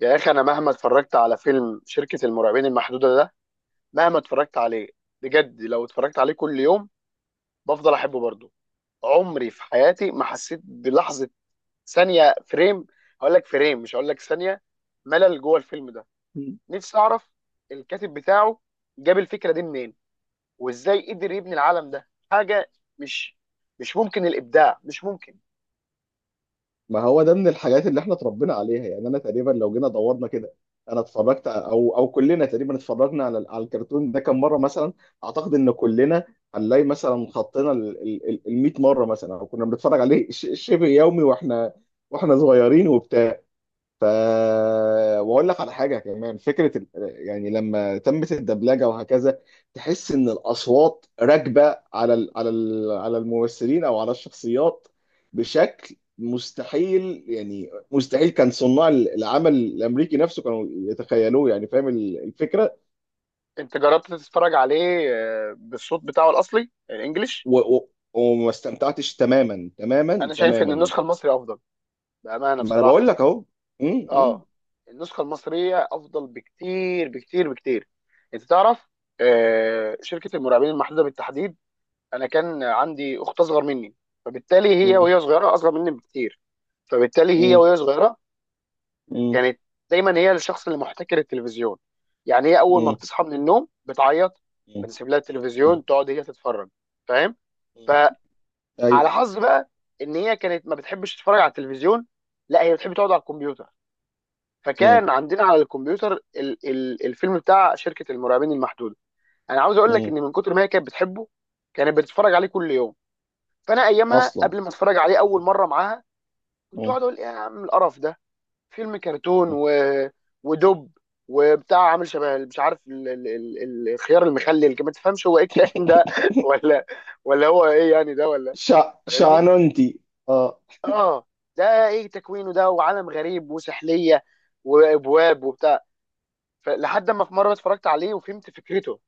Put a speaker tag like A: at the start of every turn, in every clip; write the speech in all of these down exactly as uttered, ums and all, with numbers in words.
A: يا اخي انا مهما اتفرجت على فيلم شركة المرعبين المحدودة ده، مهما اتفرجت عليه، بجد لو اتفرجت عليه كل يوم بفضل احبه برضه. عمري في حياتي ما حسيت بلحظة ثانية فريم، هقول لك فريم مش هقول لك ثانية ملل جوه الفيلم ده.
B: مم.
A: نفسي اعرف الكاتب بتاعه جاب الفكرة دي منين، وازاي قدر يبني العالم ده. حاجة مش مش ممكن، الابداع مش ممكن.
B: ما هو ده من الحاجات اللي احنا اتربينا عليها، يعني انا تقريبا لو جينا دورنا كده، انا اتفرجت او او كلنا تقريبا اتفرجنا على على الكرتون ده كم مره. مثلا اعتقد ان كلنا هنلاقي مثلا خطينا ال مية مره مثلا، او كنا بنتفرج عليه ش- شبه يومي واحنا واحنا صغيرين وبتاع. ف واقول لك على حاجه كمان، فكره ال... يعني لما تمت الدبلجه وهكذا، تحس ان الاصوات راكبه على ال... على ال... على الممثلين او على الشخصيات بشكل مستحيل، يعني مستحيل كان صناع العمل الامريكي نفسه كانوا يتخيلوه. يعني فاهم ال- الفكره.
A: انت جربت تتفرج عليه آه، بالصوت بتاعه الاصلي الانجليش؟
B: و... و... وما استمتعتش تماما تماما
A: انا شايف ان
B: تماما.
A: النسخة المصري افضل، بأمانة
B: ما انا بقول
A: بصراحة.
B: لك اهو. م- م-
A: اه، النسخة المصرية أفضل بكتير بكتير بكتير. أنت تعرف، آه، شركة المراقبين المحدودة بالتحديد، أنا كان عندي أخت أصغر مني، فبالتالي هي
B: م-
A: وهي صغيرة أصغر مني بكتير، فبالتالي هي
B: م-
A: وهي صغيرة
B: م-
A: كانت دايما هي الشخص اللي محتكر التلفزيون. يعني هي أول ما
B: م-
A: بتصحى من النوم بتعيط،
B: م-
A: بنسيب لها
B: م-
A: التلفزيون تقعد هي تتفرج، فاهم؟
B: م-
A: فعلى
B: ايوه.
A: حظ بقى إن هي كانت ما بتحبش تتفرج على التلفزيون، لا هي بتحب تقعد على الكمبيوتر.
B: م-
A: فكان عندنا على الكمبيوتر ال ال الفيلم بتاع شركه المرعبين المحدوده. انا عاوز اقول لك
B: م-
A: ان من كتر ما هي كانت بتحبه كانت بتتفرج عليه كل يوم. فانا ايامها
B: اصلا.
A: قبل ما اتفرج عليه
B: مم.
A: اول مره معاها كنت
B: مم.
A: اقعد اقول ايه يا عم القرف ده. فيلم كرتون
B: مم.
A: و... ودب وبتاع عامل شبه، مش عارف ال... ال... ال... الخيار المخلل، ما تفهمش هو ايه الكلام ده ولا ولا هو ايه يعني ده، ولا
B: شع...
A: فاهمني؟
B: شعنونتي اه.
A: اه، ده ايه تكوينه ده؟ وعالم غريب وسحليه وابواب وبتاع. فلحد ما في مره اتفرجت عليه وفهمت فكرته،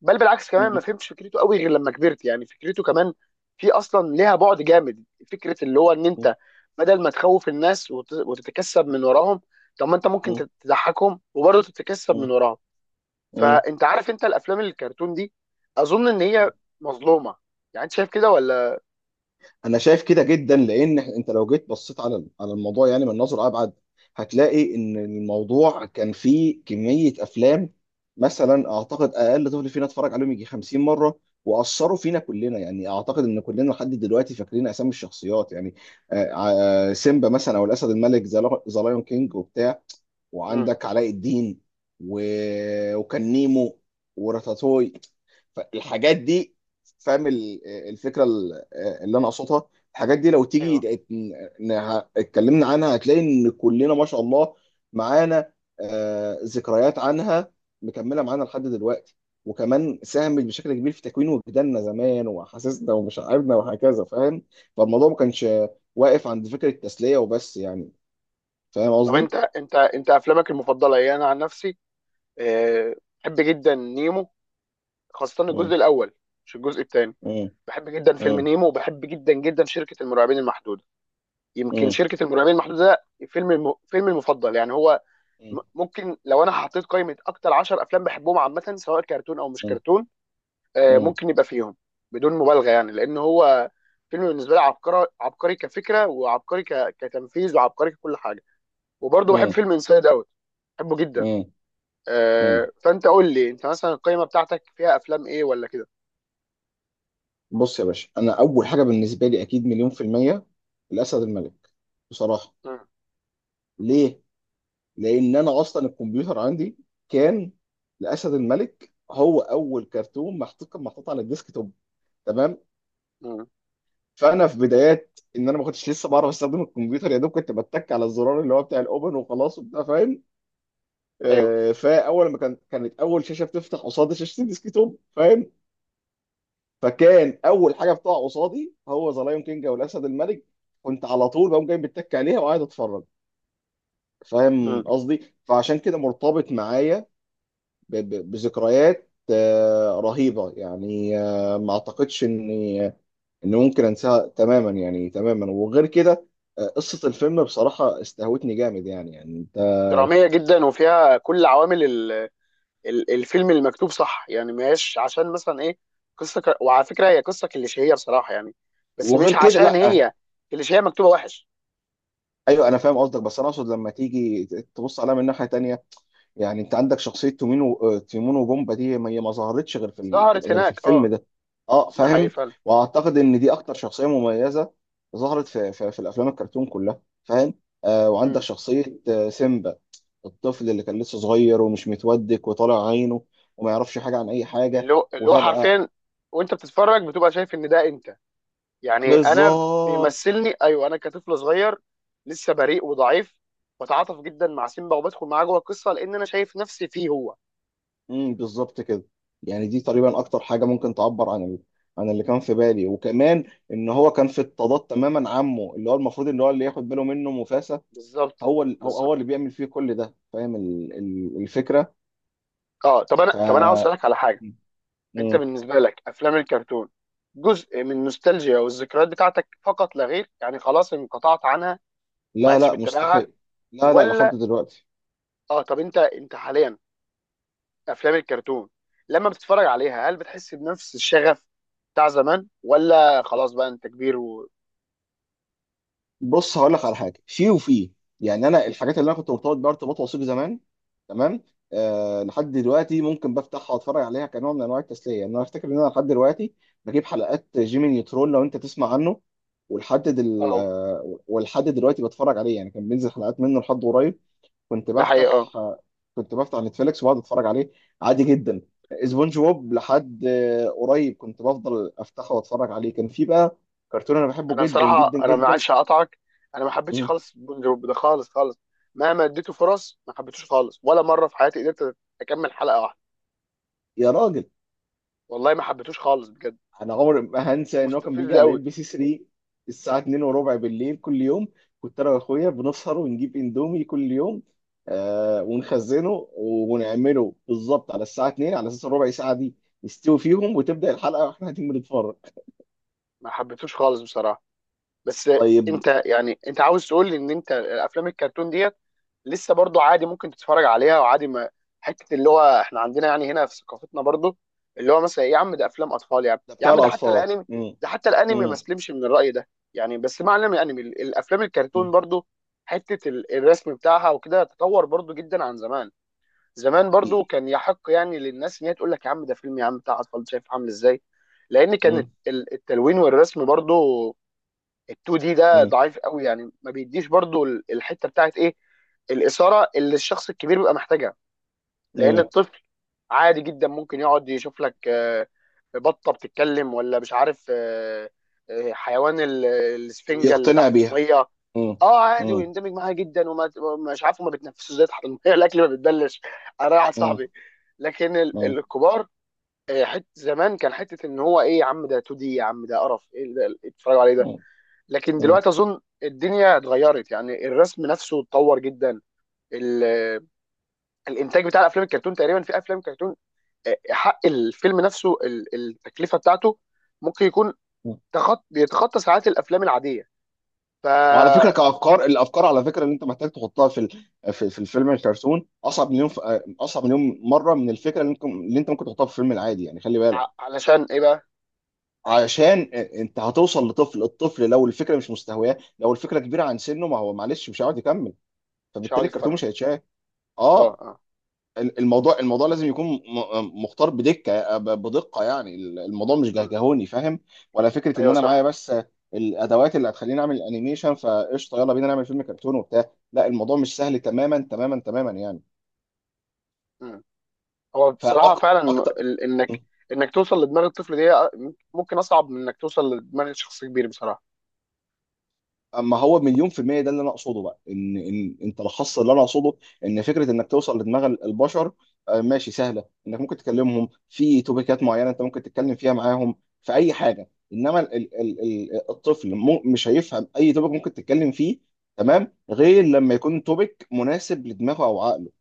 A: بل بالعكس كمان ما
B: مم.
A: فهمتش فكرته قوي غير لما كبرت. يعني فكرته كمان في اصلا ليها بعد جامد، فكره اللي هو ان
B: مم.
A: انت بدل ما تخوف الناس وت- وتتكسب من وراهم، طب ما انت ممكن
B: مم.
A: تت- تضحكهم وبرضه تتكسب من
B: مم.
A: وراهم.
B: مم.
A: فانت عارف انت الافلام الكرتون دي اظن ان هي
B: مم.
A: مظلومه، يعني انت شايف كده ولا؟
B: انا شايف كده جدا، لان انت لو جيت بصيت على على الموضوع يعني من نظر ابعد، هتلاقي ان الموضوع كان فيه كميه افلام. مثلا اعتقد اقل طفل فينا اتفرج عليهم يجي خمسين مره، واثروا فينا كلنا. يعني اعتقد ان كلنا لحد دلوقتي فاكرين اسامي الشخصيات. يعني آه، آه، سيمبا مثلا، او الاسد الملك، ذا لايون كينج وبتاع،
A: امم،
B: وعندك علاء الدين و... وكان نيمو وراتاتوي. فالحاجات دي، فاهم ال- الفكره ال- اللي انا اقصدها. الحاجات دي لو تيجي
A: ايوه.
B: ت- ن- ه- اتكلمنا عنها، هتلاقي ان كلنا ما شاء الله معانا آه، ذكريات عنها مكمله معانا لحد دلوقتي، وكمان ساهمت بشكل كبير في تكوين وجداننا زمان واحاسيسنا ومشاعرنا وهكذا، فاهم؟ فالموضوع ما كانش واقف عند فكره التسليه وبس يعني. فاهم
A: طب
B: قصدي؟
A: انت انت انت افلامك المفضله ايه؟ انا عن نفسي، آه، بحب جدا نيمو، خاصه
B: مم.
A: الجزء الاول مش الجزء الثاني.
B: مم.
A: بحب جدا فيلم
B: مم.
A: نيمو وبحب جدا جدا شركة المرعبين المحدودة. يمكن
B: مم.
A: شركة المرعبين المحدودة ده فيلم الم... فيلمي المفضل يعني هو.
B: مم.
A: م- ممكن لو انا حطيت قائمة اكتر عشرة افلام بحبهم عامة سواء كرتون او مش
B: مم.
A: كرتون، آه، ممكن يبقى فيهم، بدون مبالغة، يعني لان هو فيلم بالنسبة لي عبقري، عبقري كفكرة وعبقري ك... كتنفيذ وعبقري ككل حاجة. وبرضه بحب
B: مم.
A: فيلم انسايد اوت، بحبه جدا.
B: مم. مم.
A: آه، فانت قول لي انت مثلا القائمة بتاعتك فيها افلام ايه ولا كده؟
B: بص يا باشا، انا اول حاجه بالنسبه لي اكيد مليون في الميه الاسد الملك، بصراحه.
A: مم.
B: ليه؟ لان انا اصلا الكمبيوتر عندي كان، الاسد الملك هو اول كرتون محطوط، كان محطوط على الديسك توب، تمام.
A: مم.
B: فانا في بدايات ان انا ما كنتش لسه بعرف استخدم الكمبيوتر، يا دوب كنت بتك على الزرار اللي هو بتاع الاوبن وخلاص وبتاع، فاهم.
A: ايوه.
B: آه، فاول ما كان كانت اول شاشه بتفتح قصاد شاشه الديسكتوب، فاهم. فكان اول حاجه بتقع قصادي هو ذا لايون كينج او الاسد الملك، كنت على طول بقوم جاي بتك عليها وقاعد اتفرج، فاهم
A: مم.
B: قصدي. فعشان كده مرتبط معايا ب- ب- بذكريات آه، رهيبه يعني، آه، ما اعتقدش اني ان ممكن انساها تماما يعني تماما. وغير كده آه، قصه الفيلم بصراحه استهوتني جامد، يعني يعني انت.
A: درامية جدا وفيها كل عوامل ال- ال- الفيلم المكتوب صح، يعني مش عشان مثلا ايه، قصة ك... وعلى فكرة هي قصة كليشيهية بصراحة يعني، بس مش
B: وغير كده
A: عشان
B: لا.
A: هي كليشيهية مكتوبة وحش.
B: ايوه انا فاهم قصدك، بس انا اقصد لما تيجي تبص عليها من ناحيه تانية. يعني انت عندك شخصيه تيمون و... تيمون وبومبا دي، ما هي ما ظهرتش غير في ال...
A: ظهرت
B: غير في
A: هناك
B: الفيلم
A: اه،
B: ده. اه
A: ده حقيقي
B: فاهم.
A: فعلا.
B: واعتقد ان دي اكتر شخصيه مميزه ظهرت في في, في الافلام الكرتون كلها، فاهم. آه وعندك
A: مم.
B: شخصيه آه، سيمبا، الطفل اللي كان لسه صغير ومش متودك وطالع عينه وما يعرفش حاجه عن اي حاجه
A: اللي هو اللي هو
B: وفجاه.
A: حرفيا، وانت بتتفرج بتبقى شايف ان ده انت، يعني انا
B: بالظبط.
A: بيمثلني، ايوه انا كطفل صغير لسه بريء وضعيف، بتعاطف جدا مع سيمبا وبدخل معاه جوه القصة لان انا شايف نفسي فيه هو.
B: امم بالظبط كده. يعني دي تقريبا اكتر حاجه ممكن تعبر عن ال... عن اللي كان في بالي، وكمان ان هو كان في اضطهاد تماما، عمه اللي هو المفروض ان هو اللي ياخد باله منه مفاسة،
A: بالظبط.
B: هو ال... هو هو اللي
A: بالظبط.
B: بيعمل فيه كل ده، فاهم ال... ال... الفكره.
A: اه، طب انا،
B: ف
A: طب انا عاوز اسالك على حاجة. انت
B: مم.
A: بالنسبه لك افلام الكرتون جزء من النوستالجيا والذكريات بتاعتك فقط لا غير، يعني خلاص انقطعت عنها وما
B: لا
A: عادش
B: لا
A: بتتابعها؟
B: مستحيل. لا لا لحد
A: ولا؟
B: دلوقتي.
A: اه، طب انت انت حاليا، افلام الكرتون لما بتتفرج عليها هل بتحس بنفس الشغف بتاع زمان، ولا خلاص بقى انت كبير و...
B: بص هقول لك على حاجه في وفي، يعني انا الحاجات اللي انا كنت مرتبط بيها ارتباط وثيق زمان، تمام. آه لحد دلوقتي ممكن بفتحها واتفرج عليها كنوع من انواع التسليه. يعني انا افتكر ان انا لحد دلوقتي بجيب حلقات جيمي نيوترون، لو انت تسمع عنه. ولحد دل...
A: اه،
B: آه ولحد دلوقتي بتفرج عليه، يعني كان بينزل حلقات منه لحد قريب. كنت
A: ده حقيقة،
B: بفتح
A: اه.
B: آه كنت بفتح نتفليكس وبقعد اتفرج عليه عادي جدا. سبونج بوب لحد آه قريب كنت بفضل افتحه واتفرج عليه، كان في بقى كرتون انا بحبه
A: انا
B: جدا
A: بصراحة
B: جدا
A: انا ما
B: جدا.
A: عادش، هقطعك، انا ما حبيتش
B: مم.
A: خالص بونجا ده، خالص خالص. مهما اديته فرص ما حبيتوش خالص، ولا مرة في حياتي قدرت اكمل حلقة واحدة،
B: يا راجل،
A: والله ما حبيتوش خالص بجد،
B: انا عمري ما هنسى ان هو كان
A: مستفز
B: بيجي على
A: قوي.
B: ام بي سي ثري الساعه اتنين وربع بالليل كل يوم. كنت انا واخويا بنسهر ونجيب اندومي كل يوم، آه ونخزنه ونعمله بالظبط على الساعه اثنين على اساس الربع ساعه دي نستوي فيهم، وتبدا الحلقه واحنا قاعدين بنتفرج.
A: ما حبيتوش خالص بصراحه، بس،
B: طيب.
A: انت يعني انت عاوز تقول لي ان انت الافلام الكرتون ديت لسه برضو عادي ممكن تتفرج عليها وعادي، ما حته اللي هو احنا عندنا يعني هنا في ثقافتنا برضو اللي هو مثلا يا عم ده افلام اطفال، يعني
B: ده
A: يا
B: بتاع
A: عم ده حتى
B: الاطفال.
A: الانمي،
B: مم.
A: ده حتى الانمي ما
B: مم.
A: سلمش من الراي ده يعني، بس معنى من الانمي يعني ال- الافلام
B: مم.
A: الكرتون برضو، حته ال- الرسم بتاعها وكده تطور برضو جدا عن زمان. زمان برضو كان يحق يعني للناس ان هي تقول لك يا عم ده فيلم يا عم بتاع اطفال شايف عامل ازاي، لان كانت
B: مم.
A: ال- التلوين والرسم برضو ال2 دي ده
B: مم.
A: ضعيف قوي، يعني ما بيديش برضو ال- الحته بتاعت ايه، الاثاره اللي الشخص الكبير بيبقى محتاجها. لان
B: مم.
A: الطفل عادي جدا ممكن يقعد يشوف لك، آه، بطه بتتكلم ولا مش عارف، آه، آه، حيوان ال- الاسفنجه اللي
B: ويقتنع
A: تحت
B: بيها.
A: الميه،
B: مم.
A: اه، عادي
B: مم.
A: ويندمج معاها جدا وما مش عارف هما بيتنفسوا ازاي تحت الميه الاكل ما بيتبلش، انا واحد
B: مم.
A: صاحبي. لكن ال-
B: مم.
A: الكبار، آه، حت زمان كان حته ان هو ايه يا عم ده 2 دي، يا عم ده قرف ايه اللي اتفرجوا عليه ده. لكن
B: مم.
A: دلوقتي اظن الدنيا اتغيرت، يعني الرسم نفسه اتطور جدا، ال- الانتاج بتاع الافلام الكرتون تقريبا، في افلام كرتون، آه، حق الفيلم نفسه ال- التكلفه بتاعته ممكن يكون
B: مم.
A: تخط بيتخطى ساعات الافلام العاديه. ف
B: وعلى فكره
A: ع-
B: كافكار الافكار، على فكره اللي انت محتاج تحطها في ال- في, في الفيلم الكرتون اصعب مليون ف- اصعب مليون مره من الفكره اللي انت اللي انت ممكن تحطها في الفيلم العادي، يعني خلي بالك.
A: علشان ايه بقى؟
B: عشان انت هتوصل لطفل، الطفل لو الفكره مش مستهواه، لو الفكره كبيره عن سنه، ما هو معلش مش هيقعد يكمل،
A: مش
B: فبالتالي
A: هقعد
B: الكرتون
A: اتفرج،
B: مش هيتشاف.
A: اه
B: اه.
A: اه.
B: الموضوع الموضوع لازم يكون م- مختار بدكه ب- بدقه. يعني الموضوع مش
A: مم.
B: جهجهوني، فاهم. ولا فكره ان
A: ايوه
B: انا معايا
A: صح.
B: بس الادوات اللي هتخليني اعمل انيميشن، فقشطه يلا بينا نعمل فيلم كرتون وبتاع. لا، الموضوع مش سهل تماما تماما تماما يعني.
A: مم. هو بصراحه فعلا، م-
B: فاكتر.
A: ال- انك انك توصل لدماغ الطفل دي، آه، ممكن اصعب من انك توصل لدماغ شخص كبير بصراحه.
B: اما هو مليون في المية، ده اللي انا اقصده بقى، ان ان انت لخصت اللي انا اقصده. ان فكرة انك توصل لدماغ البشر آه، ماشي سهلة، انك ممكن تكلمهم في توبيكات معينة انت ممكن تتكلم فيها معاهم في اي حاجة. انما ال ال ال الطفل مو- مش هيفهم اي توبيك ممكن تتكلم فيه، تمام، غير لما يكون توبيك مناسب لدماغه او عقله.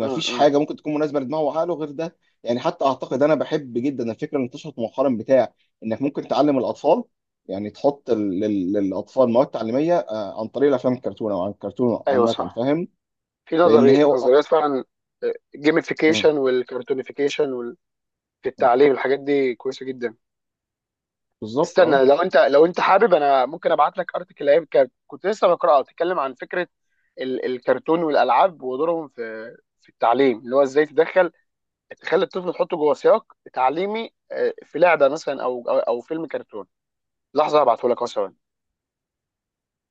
A: مم. مم.
B: حاجه ممكن تكون مناسبه لدماغه وعقله غير ده. يعني حتى اعتقد انا بحب جدا الفكره اللي انتشرت مؤخرا بتاع انك ممكن تعلم الاطفال، يعني تحط ال- لل- للاطفال مواد تعليميه آه، عن طريق الافلام الكرتون او عن الكرتون
A: ايوه
B: عامه،
A: صح،
B: فاهم.
A: في
B: لان
A: نظري
B: هي
A: نظريات فعلا،
B: م-
A: جيميفيكيشن والكرتونيفيكيشن وال... في
B: م-
A: التعليم، الحاجات دي كويسه جدا.
B: بالظبط اه.
A: استنى، لو انت لو انت حابب انا ممكن ابعت لك ارتكل ايام كانت- كنت لسه بقراها، بتتكلم عن فكره ال... الكرتون والالعاب ودورهم في في التعليم، اللي هو ازاي تدخل تخلي الطفل، تحطه جوه سياق تعليمي، آه، في لعبه مثلا او او, أو فيلم كرتون. لحظه هبعته لك اهو، ثواني.